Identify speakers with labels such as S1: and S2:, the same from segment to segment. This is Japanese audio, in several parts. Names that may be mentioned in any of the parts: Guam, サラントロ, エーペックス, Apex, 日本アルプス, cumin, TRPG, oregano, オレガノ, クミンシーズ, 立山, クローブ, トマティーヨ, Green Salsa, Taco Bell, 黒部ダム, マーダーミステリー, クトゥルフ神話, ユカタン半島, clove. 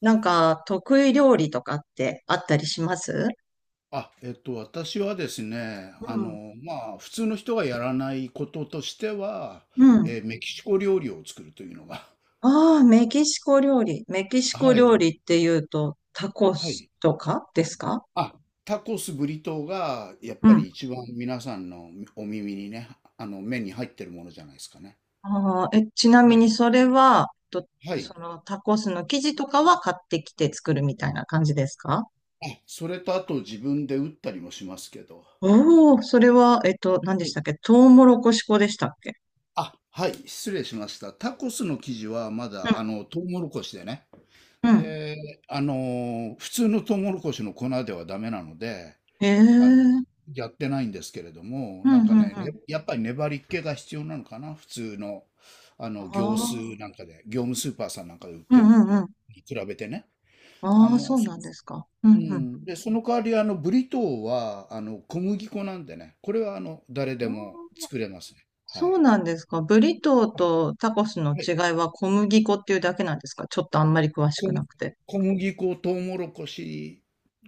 S1: なんか、得意料理とかってあったりします？
S2: 私はですね、
S1: うん。
S2: 普通の人がやらないこととしては、
S1: うん。
S2: メキシコ料理を作るというのが。
S1: ああ、メキシコ料理。メキ シコ
S2: はい、
S1: 料理っていうと、タコ
S2: は
S1: ス
S2: い。
S1: とかですか？
S2: あ、タコス、ブリトーが、やっ
S1: う
S2: ぱ
S1: ん。
S2: り一番皆さんのお耳にね、目に入ってるものじゃないですかね。
S1: ああ、え、ちなみ
S2: は
S1: に
S2: い、
S1: それは、と、
S2: はい。
S1: そのタコスの生地とかは買ってきて作るみたいな感じですか？
S2: それとあと自分で打ったりもしますけど、
S1: おおー、それは、何で
S2: は
S1: した
S2: い。
S1: っけ、トウモロコシ粉でしたっけ？
S2: はい、失礼しました。タコスの生地はまだ、
S1: う
S2: トウモロコシでね、
S1: ん、うん。
S2: で、普通のトウモロコシの粉ではダメなので、
S1: へえ、
S2: あの、
S1: うん
S2: やってないんですけれども、
S1: う
S2: な
S1: ん
S2: んか
S1: う
S2: ね、
S1: ん。
S2: やっぱり粘り気が必要なのかな、普通の、
S1: あ
S2: 業ス
S1: あ、
S2: ーなんかで、業務スーパーさんなんかで売っ
S1: うん
S2: てる
S1: う
S2: の
S1: んうん。
S2: に比べてね。あ
S1: ああ、そ
S2: の、
S1: う
S2: そ
S1: なんですか。う
S2: う
S1: んうん。
S2: ん。で、その代わり、ブリトーは、小麦粉なんでね、これは、誰でも作れますね。は
S1: そう
S2: い。
S1: なんですか。ブリトー
S2: はい。
S1: とタコスの
S2: は
S1: 違
S2: い。
S1: いは小麦粉っていうだけなんですか？ちょっとあんまり詳し
S2: 小、
S1: くなくて。
S2: 小麦粉、トウモロコシ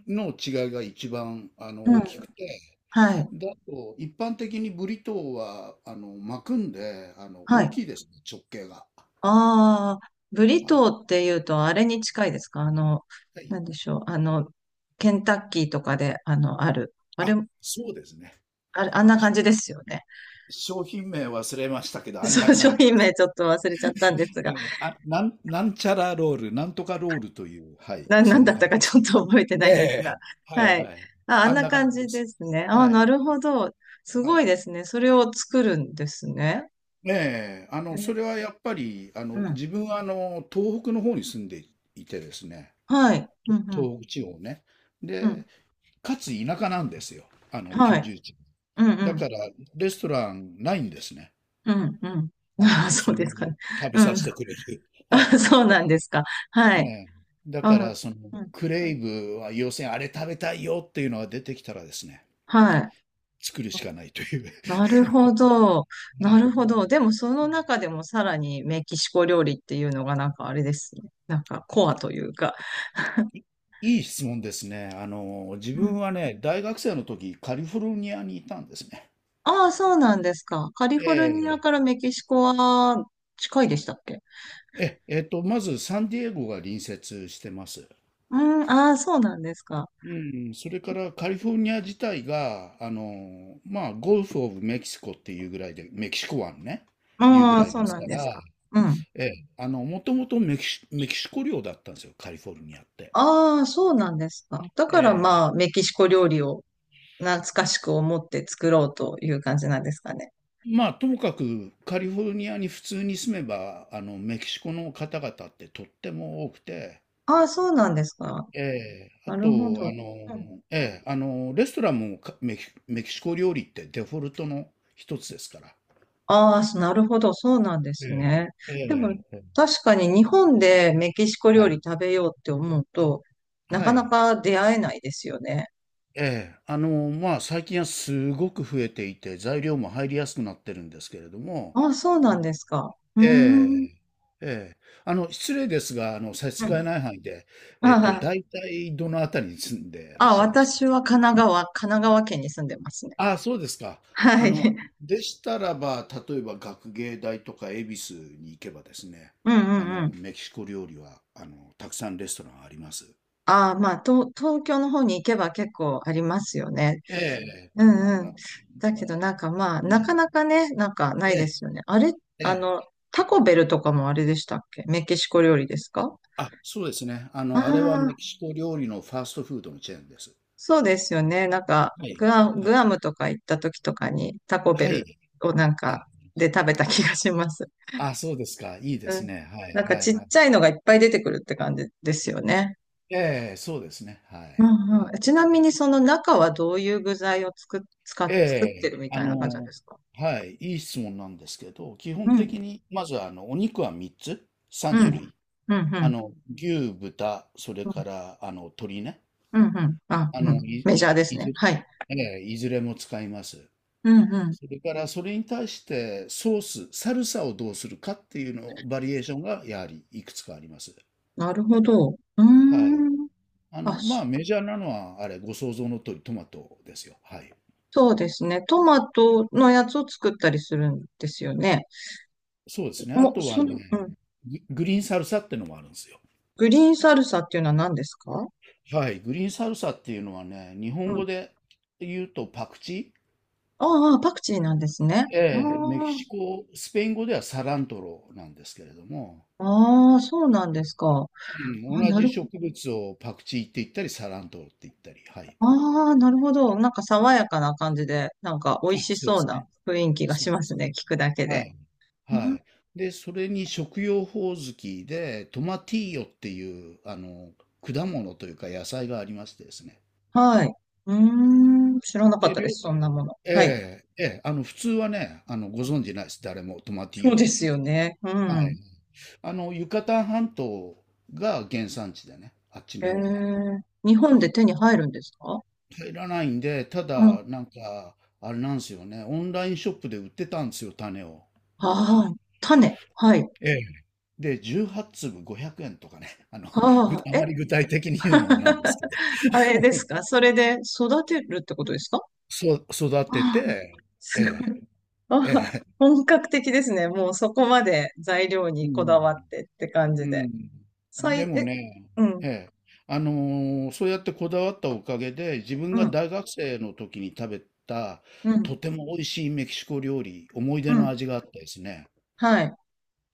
S2: の違いが一番、
S1: うん。
S2: 大きくて、
S1: はい。
S2: だと、一般的にブリトーは、巻くんで、
S1: は
S2: 大
S1: い。
S2: きいですね、直径が。
S1: ああ、ブリ
S2: は
S1: ト
S2: い。
S1: ーっていうとあれに近いですか？あの、
S2: はい。
S1: なんでしょう。あの、ケンタッキーとかで、あの、ある。あれ、
S2: あ、そうですね。
S1: あれ、あんな
S2: し
S1: 感じですよね。
S2: 商品名忘れましたけど、あん
S1: そ
S2: な
S1: う、
S2: 感
S1: 商
S2: じ。
S1: 品名ちょっと忘れちゃったんですが、
S2: ええ。なんちゃらロール、なんとかロールという、はい、
S1: な、な
S2: そ
S1: ん
S2: ん
S1: だ
S2: な
S1: っ
S2: 感
S1: た
S2: じ
S1: か
S2: で
S1: ち
S2: す。
S1: ょっと覚えて
S2: え
S1: ないんです
S2: え、
S1: が。
S2: は
S1: は
S2: い
S1: い。
S2: はい。
S1: あ、あ
S2: あ
S1: ん
S2: ん
S1: な
S2: な感
S1: 感
S2: じで
S1: じ
S2: す。
S1: ですね。ああ、
S2: は
S1: な
S2: い、
S1: るほど。す
S2: は
S1: ごい
S2: い。
S1: ですね。それを作るんですね。
S2: ねえ、それはやっぱり、
S1: うん。
S2: 自分は、東北の方に住んでいてですね、
S1: はい。うんうん。
S2: 東北地方ね。
S1: うん。
S2: で、かつ田舎なんですよ、あの
S1: は
S2: 居
S1: い。
S2: 住地。
S1: うんう
S2: だ
S1: ん。
S2: からレストランないんですね。
S1: うんうん。ああ、
S2: そ
S1: そ
S2: う
S1: う
S2: い
S1: で
S2: う
S1: すか
S2: のを
S1: ね。
S2: 食べ
S1: う
S2: さ
S1: ん。
S2: せてくれる。はい。
S1: あ、そうなんですか。は
S2: え
S1: い。
S2: え。だ
S1: あ、
S2: からその
S1: うん。
S2: クレイブは要するにあれ食べたいよっていうのが出てきたらですね、
S1: はい。
S2: 作るしかないという。
S1: なるほ ど。
S2: は
S1: なる
S2: い
S1: ほ
S2: は
S1: ど。
S2: い。
S1: でも、その中でもさらにメキシコ料理っていうのがなんかあれですね。なんかコアというか。
S2: いいい質問ですね。自
S1: うん。
S2: 分はね、大学生の時カリフォルニアにいたんですね。
S1: ああ、そうなんですか。カリフォルニア
S2: え
S1: からメキシコは近いでしたっけ？
S2: え、まずサンディエゴが隣接してます。
S1: うん。ああ、そうなんですか。
S2: うん、それからカリフォルニア自体が、ゴルフ・オブ・メキシコっていうぐらいで、メキシコ湾ね、いうぐ
S1: ああ、
S2: らい
S1: そう
S2: です
S1: なん
S2: か
S1: で
S2: ら、
S1: すか。うん。
S2: ええ、もともとメキシコ領だったんですよ、カリフォルニアって。
S1: ああ、そうなんですか。だ
S2: え
S1: から
S2: え、
S1: まあ、メキシコ料理を懐かしく思って作ろうという感じなんですかね。
S2: ともかくカリフォルニアに普通に住めば、メキシコの方々ってとっても多くて、
S1: ああ、そうなんですか。
S2: ええ、あ
S1: なるほ
S2: と、あ
S1: ど。
S2: の、ええ、レストランもかメキシコ料理ってデフォルトの一つですから。
S1: ああ、そ、なるほど。そうなんで
S2: え
S1: すね。
S2: え、え
S1: でも、
S2: え、ええ。
S1: 確かに日本でメキシコ
S2: は
S1: 料理
S2: い。
S1: 食べようって思うと、な
S2: は
S1: かな
S2: い。
S1: か出会えないですよね。
S2: ええ。最近はすごく増えていて、材料も入りやすくなってるんですけれども、
S1: ああ、そうなんですか。うーん。
S2: ええ、ええ。失礼ですが、差し
S1: う
S2: 支
S1: ん。
S2: え ない範囲で、
S1: あ
S2: 大体どのあたりに住んでら
S1: あ、
S2: っ
S1: ああ
S2: しゃるんですか？
S1: 私は神奈川、神奈川県に住んでますね。
S2: ああ、そうですか。
S1: は
S2: あ
S1: い。
S2: の、でしたらば、例えば学芸大とか恵比寿に行けばですね、
S1: うんうんうん。
S2: メキシコ料理は、たくさんレストランあります。
S1: ああ、まあ、東京の方に行けば結構ありますよね。
S2: ええ、
S1: う
S2: 神奈
S1: んうん。
S2: 川県
S1: だけどなん
S2: ね。
S1: かまあ、
S2: う
S1: なか
S2: ん。
S1: なかね、なんかないで
S2: え
S1: すよね。あれ、
S2: え、え
S1: あ
S2: え。
S1: の、タコベルとかもあれでしたっけ、メキシコ料理ですか？
S2: そうですね。
S1: あ
S2: あれはメ
S1: あ、
S2: キシコ料理のファーストフードのチェーンです。
S1: そうですよね。なんか、
S2: はい。
S1: グア、
S2: は
S1: グ
S2: い。
S1: アムとか行った時とかにタコベ
S2: は
S1: ル
S2: い。
S1: をなんかで食べた気がします。
S2: そうですか。いいで
S1: う
S2: す
S1: ん。
S2: ね。は
S1: な
S2: い。
S1: んか
S2: は
S1: ちっ
S2: い。はい。
S1: ちゃいのがいっぱい出てくるって感じですよね。
S2: ええ、そうですね。は
S1: う
S2: い。
S1: ん
S2: はい。
S1: うん、ちなみにその中はどういう具材をつく、使
S2: え
S1: っ、作ってる
S2: え、
S1: みたいな感じなんですか？
S2: はい。いい質問なんですけど、基
S1: う
S2: 本
S1: ん、
S2: 的に、まず、お肉は3つ、
S1: う
S2: 3
S1: ん、う
S2: 種
S1: ん、
S2: 類。
S1: うん、うん、
S2: 牛、豚、それから、鶏ね。
S1: うん、うんあ、
S2: あ
S1: う
S2: の、
S1: ん、
S2: い、
S1: メジャーです
S2: い
S1: ね。
S2: ず、
S1: はい。
S2: ええ、いずれも使います。
S1: うん、うん。
S2: それからそれに対してソース、サルサをどうするかっていうのバリエーションがやはりいくつかあります。
S1: なるほど。うー
S2: はい。
S1: ん。あ、そ
S2: メジャーなのはあれ、ご想像の通りトマトですよ。はい。
S1: そうですね。トマトのやつを作ったりするんですよね。
S2: そうですね。あ
S1: もう、
S2: とは
S1: そ
S2: ね、
S1: の、うん。
S2: グリーンサルサってのもあるんですよ。
S1: グリーンサルサっていうのは何ですか？
S2: はい。グリーンサルサっていうのはね、日本
S1: うん。
S2: 語で言うとパクチー、
S1: ああ、パクチーなんですね。
S2: え
S1: あ
S2: え、メキシコ、スペイン語ではサラントロなんですけれども、
S1: あ、ああ、そうなんですか。
S2: うん、
S1: あ、
S2: 同
S1: な
S2: じ
S1: る、
S2: 植物をパクチーって言ったり、サラントロって言ったり、はい。
S1: ああ、なるほど。なんか爽やかな感じで、なんか美味し
S2: そうで
S1: そう
S2: す
S1: な
S2: ね。
S1: 雰囲気が
S2: そ
S1: し
S2: う
S1: ま
S2: で
S1: す
S2: す
S1: ね。
S2: ね。
S1: 聞くだけ
S2: は
S1: で。
S2: い。
S1: あ、
S2: はい。で、それに食用ホオズキで、トマティーヨっていう、果物というか野菜がありましてですね。
S1: はい。うーん。知らなかっ
S2: で、
S1: たです。そんなもの。
S2: え
S1: はい。
S2: え、ええ、普通はね、ご存知ないです。誰もトマティー
S1: そう
S2: ヨの
S1: で
S2: こ
S1: す
S2: とも。
S1: よね。う
S2: は
S1: ん。
S2: い。ユカタン半島が原産地でね、あっちの
S1: ええ。
S2: 方が。
S1: 日本で手に入るんですか？
S2: 入らないんで、た
S1: うん。あ
S2: だ、なんか、あれなんですよね、オンラインショップで売ってたんですよ、種を。
S1: あ、種。はい。
S2: で、18粒500円とかね、
S1: あ
S2: あ
S1: あ、え、
S2: まり具体的に言うのもなんですけど、
S1: あれです か、それで育てるってことですか？
S2: そう育
S1: あ
S2: て
S1: あ、
S2: て、え
S1: すご
S2: え、
S1: い。あ
S2: え
S1: あ、
S2: え、
S1: 本格的ですね。もうそこまで材料
S2: う
S1: にこだわ
S2: ん、
S1: ってって感
S2: う
S1: じで。さ
S2: ん。
S1: い、
S2: でも
S1: え、
S2: ね、
S1: うん。
S2: ええ、あのそうやってこだわったおかげで、自分
S1: う
S2: が
S1: ん、
S2: 大学生の時に食べた、
S1: うん、
S2: とても美味しいメキシコ料理、思い
S1: う
S2: 出の
S1: ん。
S2: 味があってですね。
S1: はい。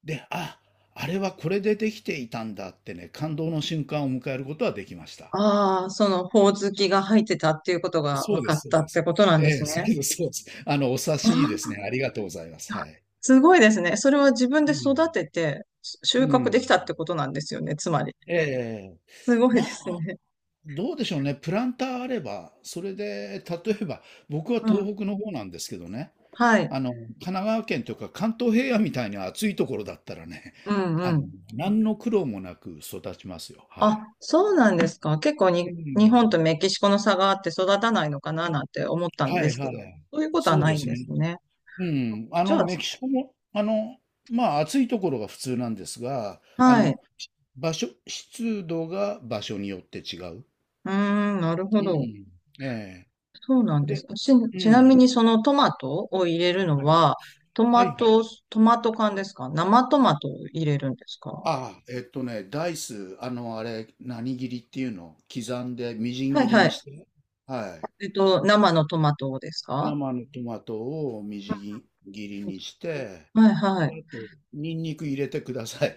S2: で、あれはこれでできていたんだってね、感動の瞬間を迎えることはできました。
S1: ああ、その、ほおずきが入ってたっていうことが
S2: そ
S1: 分
S2: うで
S1: かっ
S2: す、そう
S1: た
S2: で
S1: って
S2: す。
S1: ことなん
S2: え
S1: です
S2: え、そう
S1: ね。
S2: です、そうです。お察
S1: あ
S2: しいいで
S1: あ、
S2: すね。ありがとうございます。はい。
S1: すごいですね。それは自分
S2: う
S1: で
S2: ん。
S1: 育てて収
S2: う
S1: 穫でき
S2: ん。
S1: たってことなんですよね、つまり。
S2: ええ。
S1: すごいで
S2: ま
S1: す
S2: あ、
S1: ね。
S2: どうでしょうね。プランターあれば、それで、例えば、僕は
S1: うん。
S2: 東北の方なんですけどね、
S1: はい。
S2: 神奈川県というか関東平野みたいに暑いところだったらね、
S1: うん、う
S2: あの、
S1: ん。
S2: 何の苦労もなく育ちますよ。は
S1: あ、
S2: い。
S1: そうなんですか。結構
S2: う
S1: に、日
S2: ん。
S1: 本とメキシコの差があって育たないのかななんて思ったん
S2: は
S1: で
S2: い
S1: すけ
S2: は
S1: ど、
S2: い。
S1: そういうことは
S2: そう
S1: な
S2: で
S1: いん
S2: す
S1: で
S2: ね。
S1: すね。
S2: うん、
S1: じゃ
S2: メキシコも、暑いところが普通なんですが、
S1: あ、はい。
S2: 場所、湿度が場所によって違う。
S1: うーん、なるほ
S2: う
S1: ど。
S2: ん。え
S1: そうなん
S2: え。
S1: です。
S2: で、
S1: ち、
S2: う
S1: ちなみ
S2: ん。
S1: にそのトマトを入れるの
S2: はい。
S1: は、ト
S2: は
S1: マ
S2: いはい。
S1: ト、トマト缶ですか、生トマトを入れるんですか？は
S2: ああ、ね、ダイス、あれ、何切りっていうの刻んで、みじん
S1: い
S2: 切り
S1: は
S2: に
S1: い。
S2: して、はい。
S1: えっと、生のトマトをですか？
S2: 生のトマトをみじん切りにして、
S1: はいは
S2: で
S1: い。
S2: あと、ニンニク入れてください。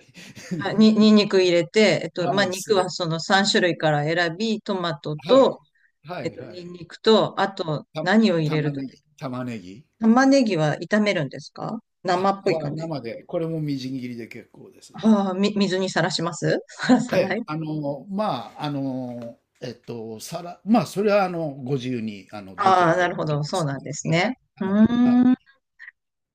S1: はい、に、に んにく入れて、えっと、
S2: は
S1: まあ、
S2: い、
S1: 肉はその3種類から選び、トマト
S2: はい。
S1: と、
S2: は
S1: えっ
S2: い
S1: と、
S2: は
S1: にん
S2: い。
S1: にくと、あと、
S2: た
S1: 何を入れると、
S2: 玉ねぎ
S1: 玉ねぎは炒めるんですか、生っぽい
S2: は
S1: 感じ。
S2: 生で、これもみじん切りで結構です。
S1: ああ、水にさらします さらさ
S2: え
S1: ない。
S2: え、あの、まあ、あの、えっと、さら、まあ、それは、ご自由に、どち
S1: ああ、
S2: らで
S1: な
S2: も
S1: るほ
S2: OK
S1: ど。
S2: で
S1: そう
S2: す。
S1: なんです
S2: はい、
S1: ね。う
S2: はい、はい。
S1: ーん。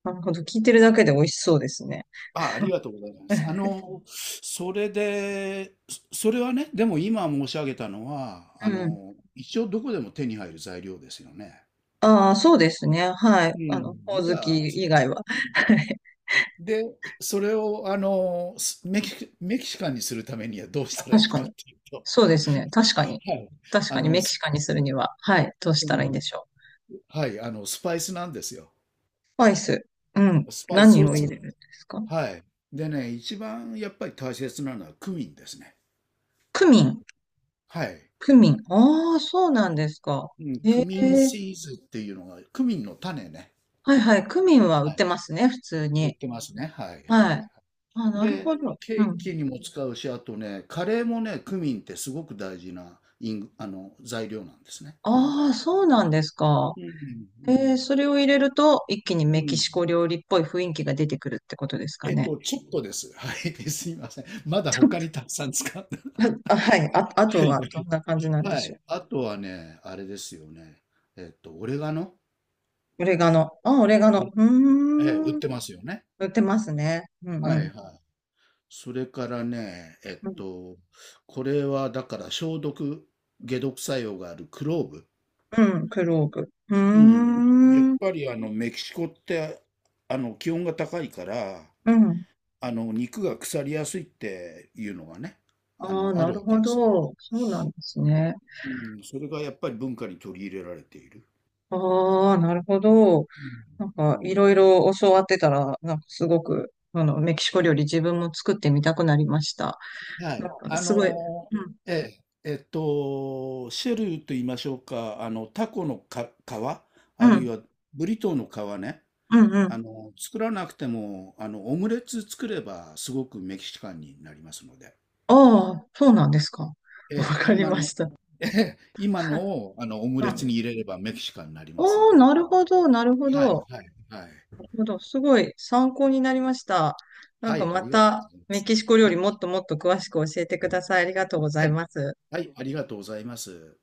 S1: なるほど。聞いてるだけで美味しそうですね。
S2: ありがとうございます。それで、それはね、でも今申し上げたのは、
S1: うん。
S2: 一応どこでも手に入る材料ですよね。
S1: ああ、そうですね。はい。
S2: う
S1: あの、ほお
S2: ん、じ
S1: ず
S2: ゃあ、
S1: き以外は。はい。
S2: で、それを、あの、すメキメキシカンにするためにはどうしたらい
S1: 確
S2: い
S1: か
S2: かっ
S1: に。
S2: ていうと、
S1: そうですね。確かに。
S2: はい、
S1: 確
S2: あ
S1: かに、
S2: の、
S1: メキ
S2: す
S1: シカンにするには、はい。どうし
S2: う
S1: たらいいん
S2: ん、
S1: でしょう。
S2: はい、スパイスなんですよ。
S1: スパイス。うん。
S2: スパイス
S1: 何
S2: を
S1: を入
S2: 作
S1: れ
S2: る。
S1: るんですか？
S2: はい。でね、一番やっぱり大切なのはクミンですね。
S1: クミン。
S2: はい。
S1: クミン。ああ、そうなんですか。
S2: うん、
S1: へ
S2: ク
S1: え。
S2: ミンシーズっていうのが、クミンの種ね。
S1: はいはい。クミンは売
S2: は
S1: っ
S2: い。
S1: てますね。普通
S2: 売っ
S1: に。
S2: てますね。はい、はい。
S1: はい。あ、なる
S2: で、
S1: ほど。う
S2: ケー
S1: ん。
S2: キにも使うし、あとね、カレーもね、クミンってすごく大事なイング、あの、材料なんですね。
S1: ああ、そうなんですか。
S2: う
S1: えー、
S2: ん、
S1: それを入れると、一気に
S2: うん、
S1: メ
S2: う
S1: キシ
S2: ん。
S1: コ料理っぽい雰囲気が出てくるってことですかね。
S2: ちょっとです。はい、すいません。まだ
S1: ちょっ
S2: 他
S1: と、
S2: にたくさん使って。
S1: あ、あ、はい。あ、あ と
S2: はい
S1: は
S2: は
S1: ど
S2: い、
S1: んな感じなんで
S2: は
S1: しょ
S2: い。あとはね、あれですよね。オレガノ、
S1: う。オレガノ。あ、オレガ
S2: え
S1: ノ。
S2: え、売
S1: う
S2: っ
S1: ーん。
S2: てますよね。
S1: 売ってますね。うん
S2: は
S1: うん。
S2: いはい。それからね、
S1: うん、
S2: これはだから解毒作用があるクローブ。
S1: うん、クローブ。う
S2: う
S1: ー
S2: ん。やっ
S1: ん。
S2: ぱりメキシコって、気温が高いから、
S1: うん。
S2: 肉が腐りやすいっていうのがね、
S1: ああ、
S2: あ
S1: な
S2: る
S1: る
S2: わけ
S1: ほ
S2: です。
S1: ど。そうなんですね。
S2: うん、それがやっぱり文化に取り入れられている。
S1: ああ、なるほど。
S2: うん。
S1: なん
S2: う
S1: か、い
S2: ん。
S1: ろいろ教わってたら、なんかすごく、あの、メキシコ料理自分も作ってみたくなりました。
S2: は
S1: なん
S2: い。
S1: か、すごい。うん。
S2: ええ、シェルと言いましょうか、タコの皮、
S1: う
S2: あるい
S1: ん
S2: はブリトーの皮ね、
S1: うんうん。
S2: 作らなくても、オムレツ作ればすごくメキシカンになりますので、
S1: ああ、そうなんですか。
S2: え
S1: わ
S2: え、
S1: かりました。
S2: ええ、今のを、オム
S1: う
S2: レツ
S1: ん。
S2: に入れればメキシカンになり
S1: あ
S2: ますん
S1: あ、
S2: で。
S1: なるほど、なるほ
S2: はい、
S1: ど。
S2: はい、はい。
S1: なるほど。すごい参考になりました。なん
S2: は
S1: か
S2: い、あ
S1: ま
S2: りがとうござ
S1: た
S2: いま
S1: メ
S2: す。
S1: キシコ料
S2: は
S1: 理
S2: い、
S1: もっともっと詳しく教えてください。ありがとうござ
S2: は
S1: い
S2: い、
S1: ます。
S2: はい、ありがとうございます。